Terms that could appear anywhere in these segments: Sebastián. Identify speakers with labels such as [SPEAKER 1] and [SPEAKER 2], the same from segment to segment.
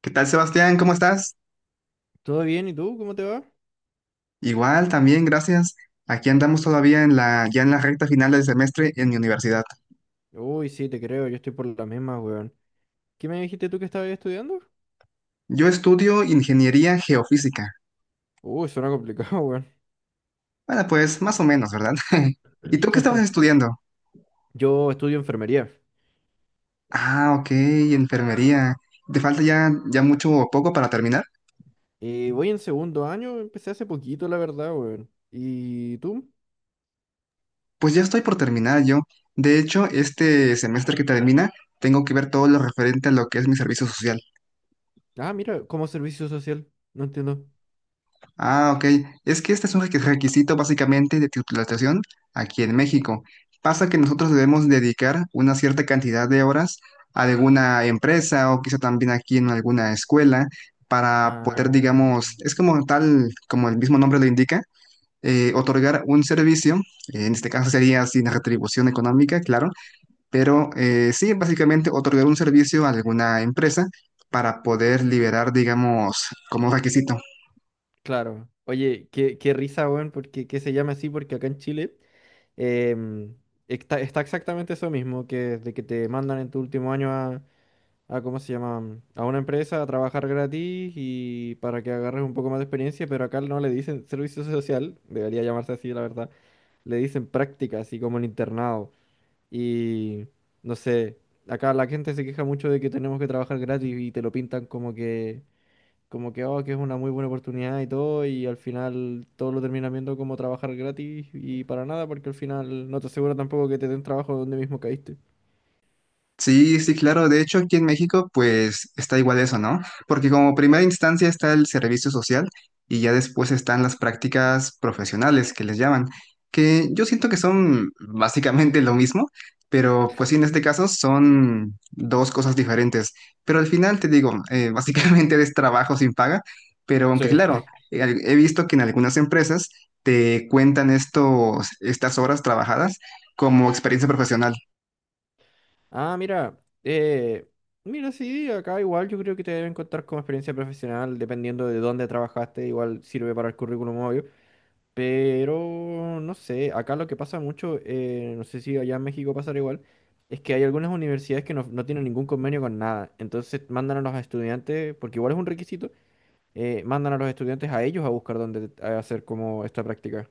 [SPEAKER 1] ¿Qué tal, Sebastián? ¿Cómo estás?
[SPEAKER 2] ¿Todo bien? ¿Y tú? ¿Cómo te va?
[SPEAKER 1] Igual, también, gracias. Aquí andamos todavía ya en la recta final del semestre en mi universidad.
[SPEAKER 2] Uy, sí, te creo, yo estoy por las mismas weón. ¿Qué me dijiste tú que estabas estudiando?
[SPEAKER 1] Yo estudio ingeniería geofísica.
[SPEAKER 2] Uy, suena complicado, weón.
[SPEAKER 1] Bueno, pues más o menos, ¿verdad? ¿Y tú qué estabas estudiando?
[SPEAKER 2] Yo estudio enfermería.
[SPEAKER 1] Ah, ok, enfermería. ¿Te falta ya mucho o poco para terminar?
[SPEAKER 2] Y voy en segundo año, empecé hace poquito, la verdad, weón. ¿Y tú?
[SPEAKER 1] Pues ya estoy por terminar yo. De hecho, este semestre que termina, tengo que ver todo lo referente a lo que es mi servicio social.
[SPEAKER 2] Ah, mira, como servicio social. No entiendo.
[SPEAKER 1] Ah, ok. Es que este es un requisito básicamente de titulación aquí en México. Pasa que nosotros debemos dedicar una cierta cantidad de horas a alguna empresa o quizá también aquí en alguna escuela para poder,
[SPEAKER 2] Ah,
[SPEAKER 1] digamos, es como tal, como el mismo nombre lo indica, otorgar un servicio. En este caso sería sin retribución económica, claro, pero sí, básicamente otorgar un servicio a alguna empresa para poder liberar, digamos, como requisito.
[SPEAKER 2] claro. Oye, qué risa, weón, porque que se llama así, porque acá en Chile em, está exactamente eso mismo, que de que te mandan en tu último año a, ¿cómo se llama? A una empresa a trabajar gratis y para que agarres un poco más de experiencia, pero acá no le dicen servicio social, debería llamarse así, la verdad. Le dicen práctica, así como el internado. Y no sé, acá la gente se queja mucho de que tenemos que trabajar gratis y te lo pintan como que, oh, que es una muy buena oportunidad y todo, y al final todo lo terminan viendo como trabajar gratis y para nada, porque al final no te asegura tampoco que te den trabajo donde mismo caíste.
[SPEAKER 1] Sí, sí, claro. De hecho, aquí en México, pues está igual eso, ¿no? Porque como primera instancia está el servicio social y ya después están las prácticas profesionales que les llaman, que yo siento que son básicamente lo mismo, pero pues sí, en este caso son dos cosas diferentes. Pero al final te digo, básicamente es trabajo sin paga, pero aunque claro,
[SPEAKER 2] Sí.
[SPEAKER 1] he visto que en algunas empresas te cuentan estas horas trabajadas como experiencia profesional.
[SPEAKER 2] Ah, mira, eh, mira, sí, acá igual yo creo que te deben contar como experiencia profesional, dependiendo de dónde trabajaste, igual sirve para el currículum, obvio. Pero, no sé, acá lo que pasa mucho, no sé si allá en México pasará igual, es que hay algunas universidades que no, no tienen ningún convenio con nada. Entonces mandan a los estudiantes, porque igual es un requisito, mandan a los estudiantes a ellos a buscar dónde hacer como esta práctica.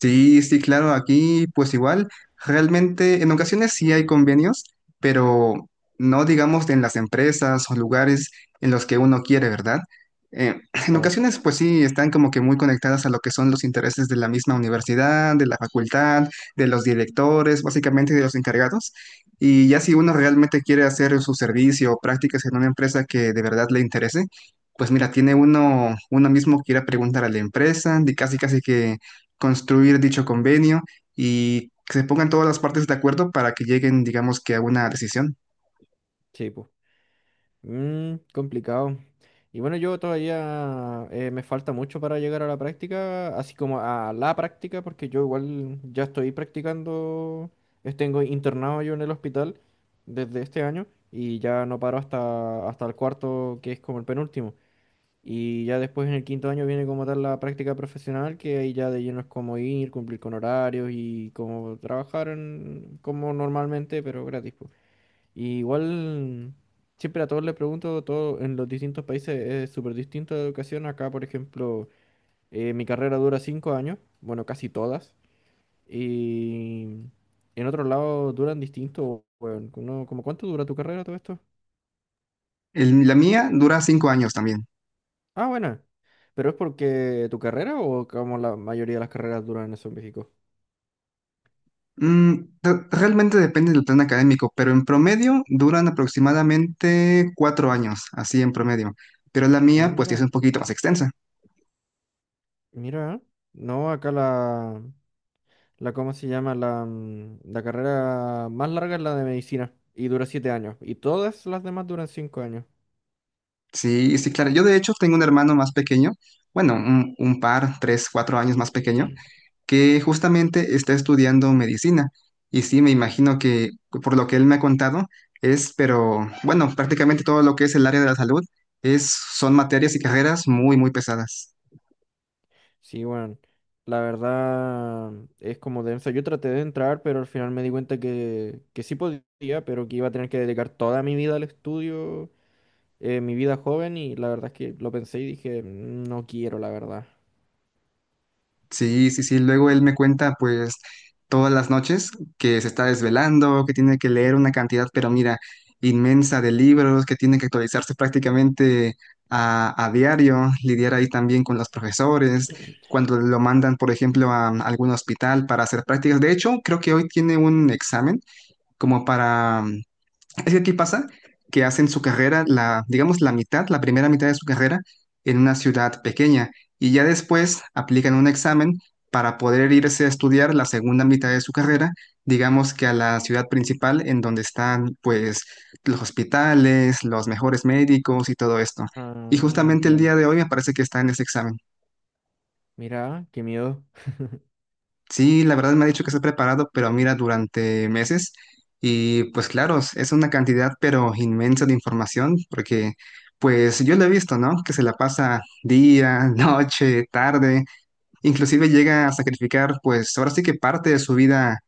[SPEAKER 1] Sí, sí, claro, aquí pues igual, realmente en ocasiones sí hay convenios, pero no digamos en las empresas o lugares en los que uno quiere, ¿verdad? Eh, en ocasiones pues sí están como que muy conectadas a lo que son los intereses de la misma universidad, de la facultad, de los directores, básicamente de los encargados. Y ya si uno realmente quiere hacer su servicio o prácticas en una empresa que de verdad le interese, pues mira, tiene uno, uno mismo que ir a preguntar a la empresa, y casi casi que construir dicho convenio y que se pongan todas las partes de acuerdo para que lleguen, digamos que a una decisión.
[SPEAKER 2] Sí, pues. Mm, complicado. Y bueno, yo todavía me falta mucho para llegar a la práctica, así como a la práctica, porque yo igual ya estoy practicando, tengo internado yo en el hospital desde este año y ya no paro hasta el cuarto, que es como el penúltimo. Y ya después en el quinto año viene como tal la práctica profesional, que ahí ya de lleno es como ir, cumplir con horarios y como trabajar como normalmente, pero gratis po. Y igual, siempre a todos les pregunto, todo en los distintos países es súper distinto la educación. Acá, por ejemplo, mi carrera dura 5 años, bueno, casi todas. Y en otros lados duran distinto. Bueno, ¿cómo cuánto dura tu carrera todo esto?
[SPEAKER 1] La mía dura 5 años también.
[SPEAKER 2] Ah, bueno. ¿Pero es porque tu carrera o como la mayoría de las carreras duran eso en México?
[SPEAKER 1] Mm, realmente depende del plan académico, pero en promedio duran aproximadamente 4 años, así en promedio. Pero la
[SPEAKER 2] Ah,
[SPEAKER 1] mía, pues, sí es un
[SPEAKER 2] mira,
[SPEAKER 1] poquito más extensa.
[SPEAKER 2] mira. ¿Eh? No, acá ¿cómo se llama? La carrera más larga es la de medicina y dura 7 años. Y todas las demás duran 5 años.
[SPEAKER 1] Sí, sí, claro. Yo de hecho tengo un hermano más pequeño, bueno, un par, 3, 4 años más pequeño, que justamente está estudiando medicina. Y sí, me imagino que por lo que él me ha contado, es, pero bueno, prácticamente todo lo que es el área de la salud es, son materias y carreras muy, muy pesadas.
[SPEAKER 2] Sí, bueno, la verdad es como densa. Yo traté de entrar, pero al final me di cuenta que sí podía, pero que iba a tener que dedicar toda mi vida al estudio, mi vida joven, y la verdad es que lo pensé y dije, "Mm, no quiero, la verdad.
[SPEAKER 1] Sí, sí, sí. Luego él me cuenta, pues, todas las noches que se está desvelando, que tiene que leer una cantidad, pero mira, inmensa de libros, que tiene que actualizarse prácticamente a diario, lidiar ahí también con los profesores, cuando lo mandan, por ejemplo, a, algún hospital para hacer prácticas. De hecho, creo que hoy tiene un examen como para, es que aquí pasa que hacen su carrera, la, digamos, la mitad, la primera mitad de su carrera en una ciudad pequeña y ya después aplican un examen para poder irse a estudiar la segunda mitad de su carrera, digamos que a la ciudad principal en donde están pues los hospitales, los mejores médicos y todo esto. Y
[SPEAKER 2] Ah,
[SPEAKER 1] justamente el
[SPEAKER 2] entiendo.
[SPEAKER 1] día de hoy me parece que está en ese examen.
[SPEAKER 2] Mira, qué miedo.
[SPEAKER 1] Sí, la verdad me ha dicho que está preparado, pero mira, durante meses. Y pues claro, es una cantidad pero inmensa de información, porque pues yo lo he visto, ¿no? Que se la pasa día, noche, tarde, inclusive llega a sacrificar pues ahora sí que parte de su vida,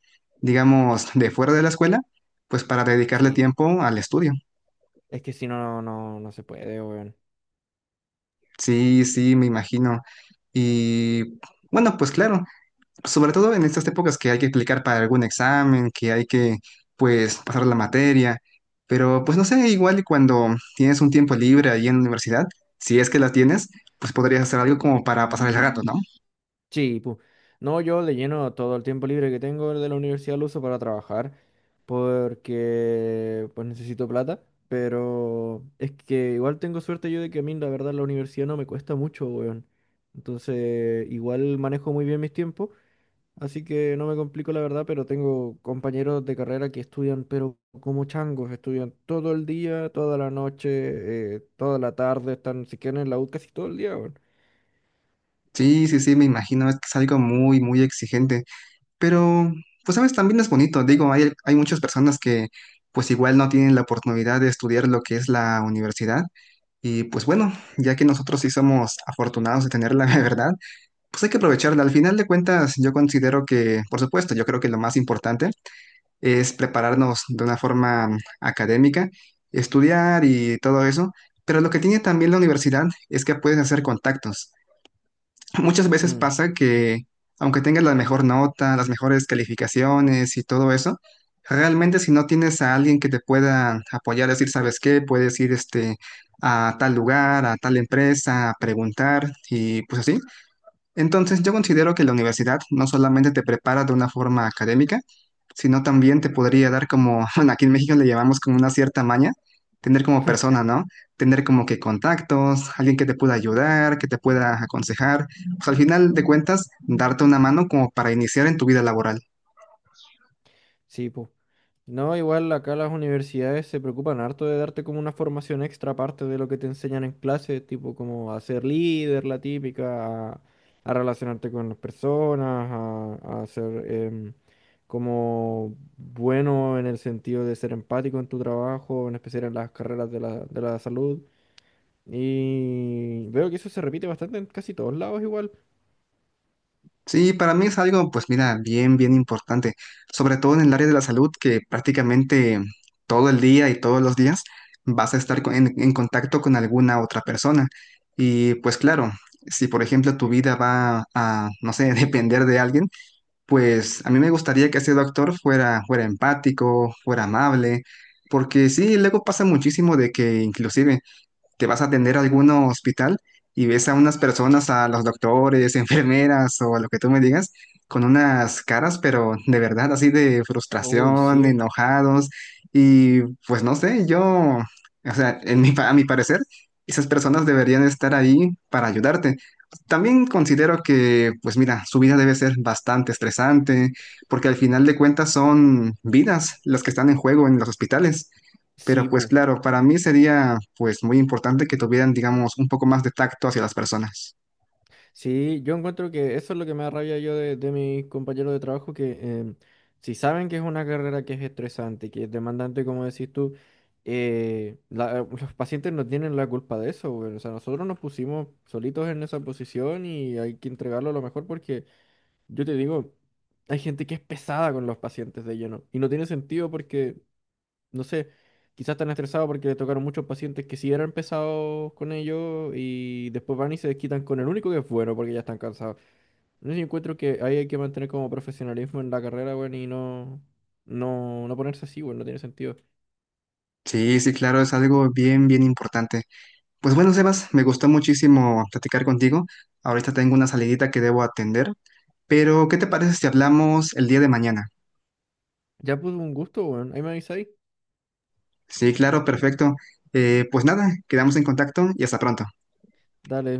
[SPEAKER 1] digamos, de fuera de la escuela, pues para dedicarle
[SPEAKER 2] Sí,
[SPEAKER 1] tiempo al estudio.
[SPEAKER 2] es que si no, no, no se puede, weón.
[SPEAKER 1] Sí, sí, me imagino. Y bueno, pues claro, sobre todo en estas épocas que hay que aplicar para algún examen, que hay que, pues, pasar la materia, pero pues no sé, igual y cuando tienes un tiempo libre ahí en la universidad, si es que la tienes, pues podrías hacer algo como para pasar el rato, ¿no?
[SPEAKER 2] Sí, pu. No, yo le lleno todo el tiempo libre que tengo de la universidad, lo uso para trabajar, porque pues necesito plata, pero es que igual tengo suerte yo de que a mí la verdad la universidad no me cuesta mucho, weón. Entonces, igual manejo muy bien mis tiempos, así que no me complico la verdad, pero tengo compañeros de carrera que estudian, pero como changos, estudian todo el día, toda la noche, toda la tarde, están, si quieren en la U casi todo el día, weón.
[SPEAKER 1] Sí, sí, sí, me imagino, es que es algo muy, muy exigente, pero, pues, sabes, también es bonito, digo, hay muchas personas que, pues, igual no tienen la oportunidad de estudiar lo que es la universidad, y pues bueno, ya que nosotros sí somos afortunados de tenerla, de verdad. Pues hay que aprovecharla. Al final de cuentas, yo considero que, por supuesto, yo creo que lo más importante es prepararnos de una forma académica, estudiar y todo eso, pero lo que tiene también la universidad es que puedes hacer contactos. Muchas veces
[SPEAKER 2] Mm,
[SPEAKER 1] pasa que, aunque tengas la mejor nota, las mejores calificaciones y todo eso, realmente si no tienes a alguien que te pueda apoyar, decir, ¿sabes qué? Puedes ir este, a tal lugar, a tal empresa, a preguntar y pues así. Entonces, yo considero que la universidad no solamente te prepara de una forma académica, sino también te podría dar como, bueno, aquí en México le llamamos como una cierta maña, tener como persona, ¿no? Tener como que contactos, alguien que te pueda ayudar, que te pueda aconsejar, pues al final de cuentas, darte una mano como para iniciar en tu vida laboral.
[SPEAKER 2] sí, pues. No, igual acá las universidades se preocupan harto de darte como una formación extra aparte de lo que te enseñan en clase, tipo como a ser líder, la típica, a, relacionarte con las personas, a ser como bueno en el sentido de ser empático en tu trabajo, en especial en las carreras de la salud. Y veo que eso se repite bastante en casi todos lados igual.
[SPEAKER 1] Sí, para mí es algo, pues mira, bien, bien importante, sobre todo en el área de la salud, que prácticamente todo el día y todos los días vas a estar en contacto con alguna otra persona. Y pues claro, si por ejemplo tu vida va a, no sé, depender de alguien, pues a mí me gustaría que ese doctor fuera empático, fuera amable, porque sí, luego pasa muchísimo de que inclusive te vas a atender a algún hospital y ves a unas personas, a los doctores, enfermeras o lo que tú me digas, con unas caras, pero de verdad, así de
[SPEAKER 2] Uy,
[SPEAKER 1] frustración,
[SPEAKER 2] sí,
[SPEAKER 1] enojados. Y pues no sé, yo, o sea, en mi, a mi parecer, esas personas deberían estar ahí para ayudarte. También considero que, pues mira, su vida debe ser bastante estresante, porque al final de cuentas son vidas las que están en juego en los hospitales.
[SPEAKER 2] sí,
[SPEAKER 1] Pero pues
[SPEAKER 2] pu.
[SPEAKER 1] claro, para mí sería pues muy importante que tuvieran, digamos, un poco más de tacto hacia las personas.
[SPEAKER 2] Sí, yo encuentro que eso es lo que me da rabia yo de mis compañeros de trabajo, que si saben que es una carrera que es estresante, que es demandante, como decís tú, los pacientes no tienen la culpa de eso, güey. O sea, nosotros nos pusimos solitos en esa posición y hay que entregarlo a lo mejor porque, yo te digo, hay gente que es pesada con los pacientes de lleno y no tiene sentido porque no sé, quizás están estresados porque le tocaron muchos pacientes que sí eran pesados con ellos y después van y se desquitan con el único que es bueno porque ya están cansados. Entonces yo encuentro que ahí hay que mantener como profesionalismo en la carrera, weón, y no, no, no ponerse así, weón, no tiene sentido.
[SPEAKER 1] Sí, sí, claro, es algo bien, bien importante. Pues bueno, Sebas, me gustó muchísimo platicar contigo. Ahorita tengo una salidita que debo atender, pero ¿qué te parece si hablamos el día de mañana?
[SPEAKER 2] Ya pues un gusto, weón, ahí me avisáis.
[SPEAKER 1] Sí, claro, perfecto. Pues nada, quedamos en contacto y hasta pronto.
[SPEAKER 2] Dale,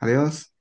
[SPEAKER 1] Adiós.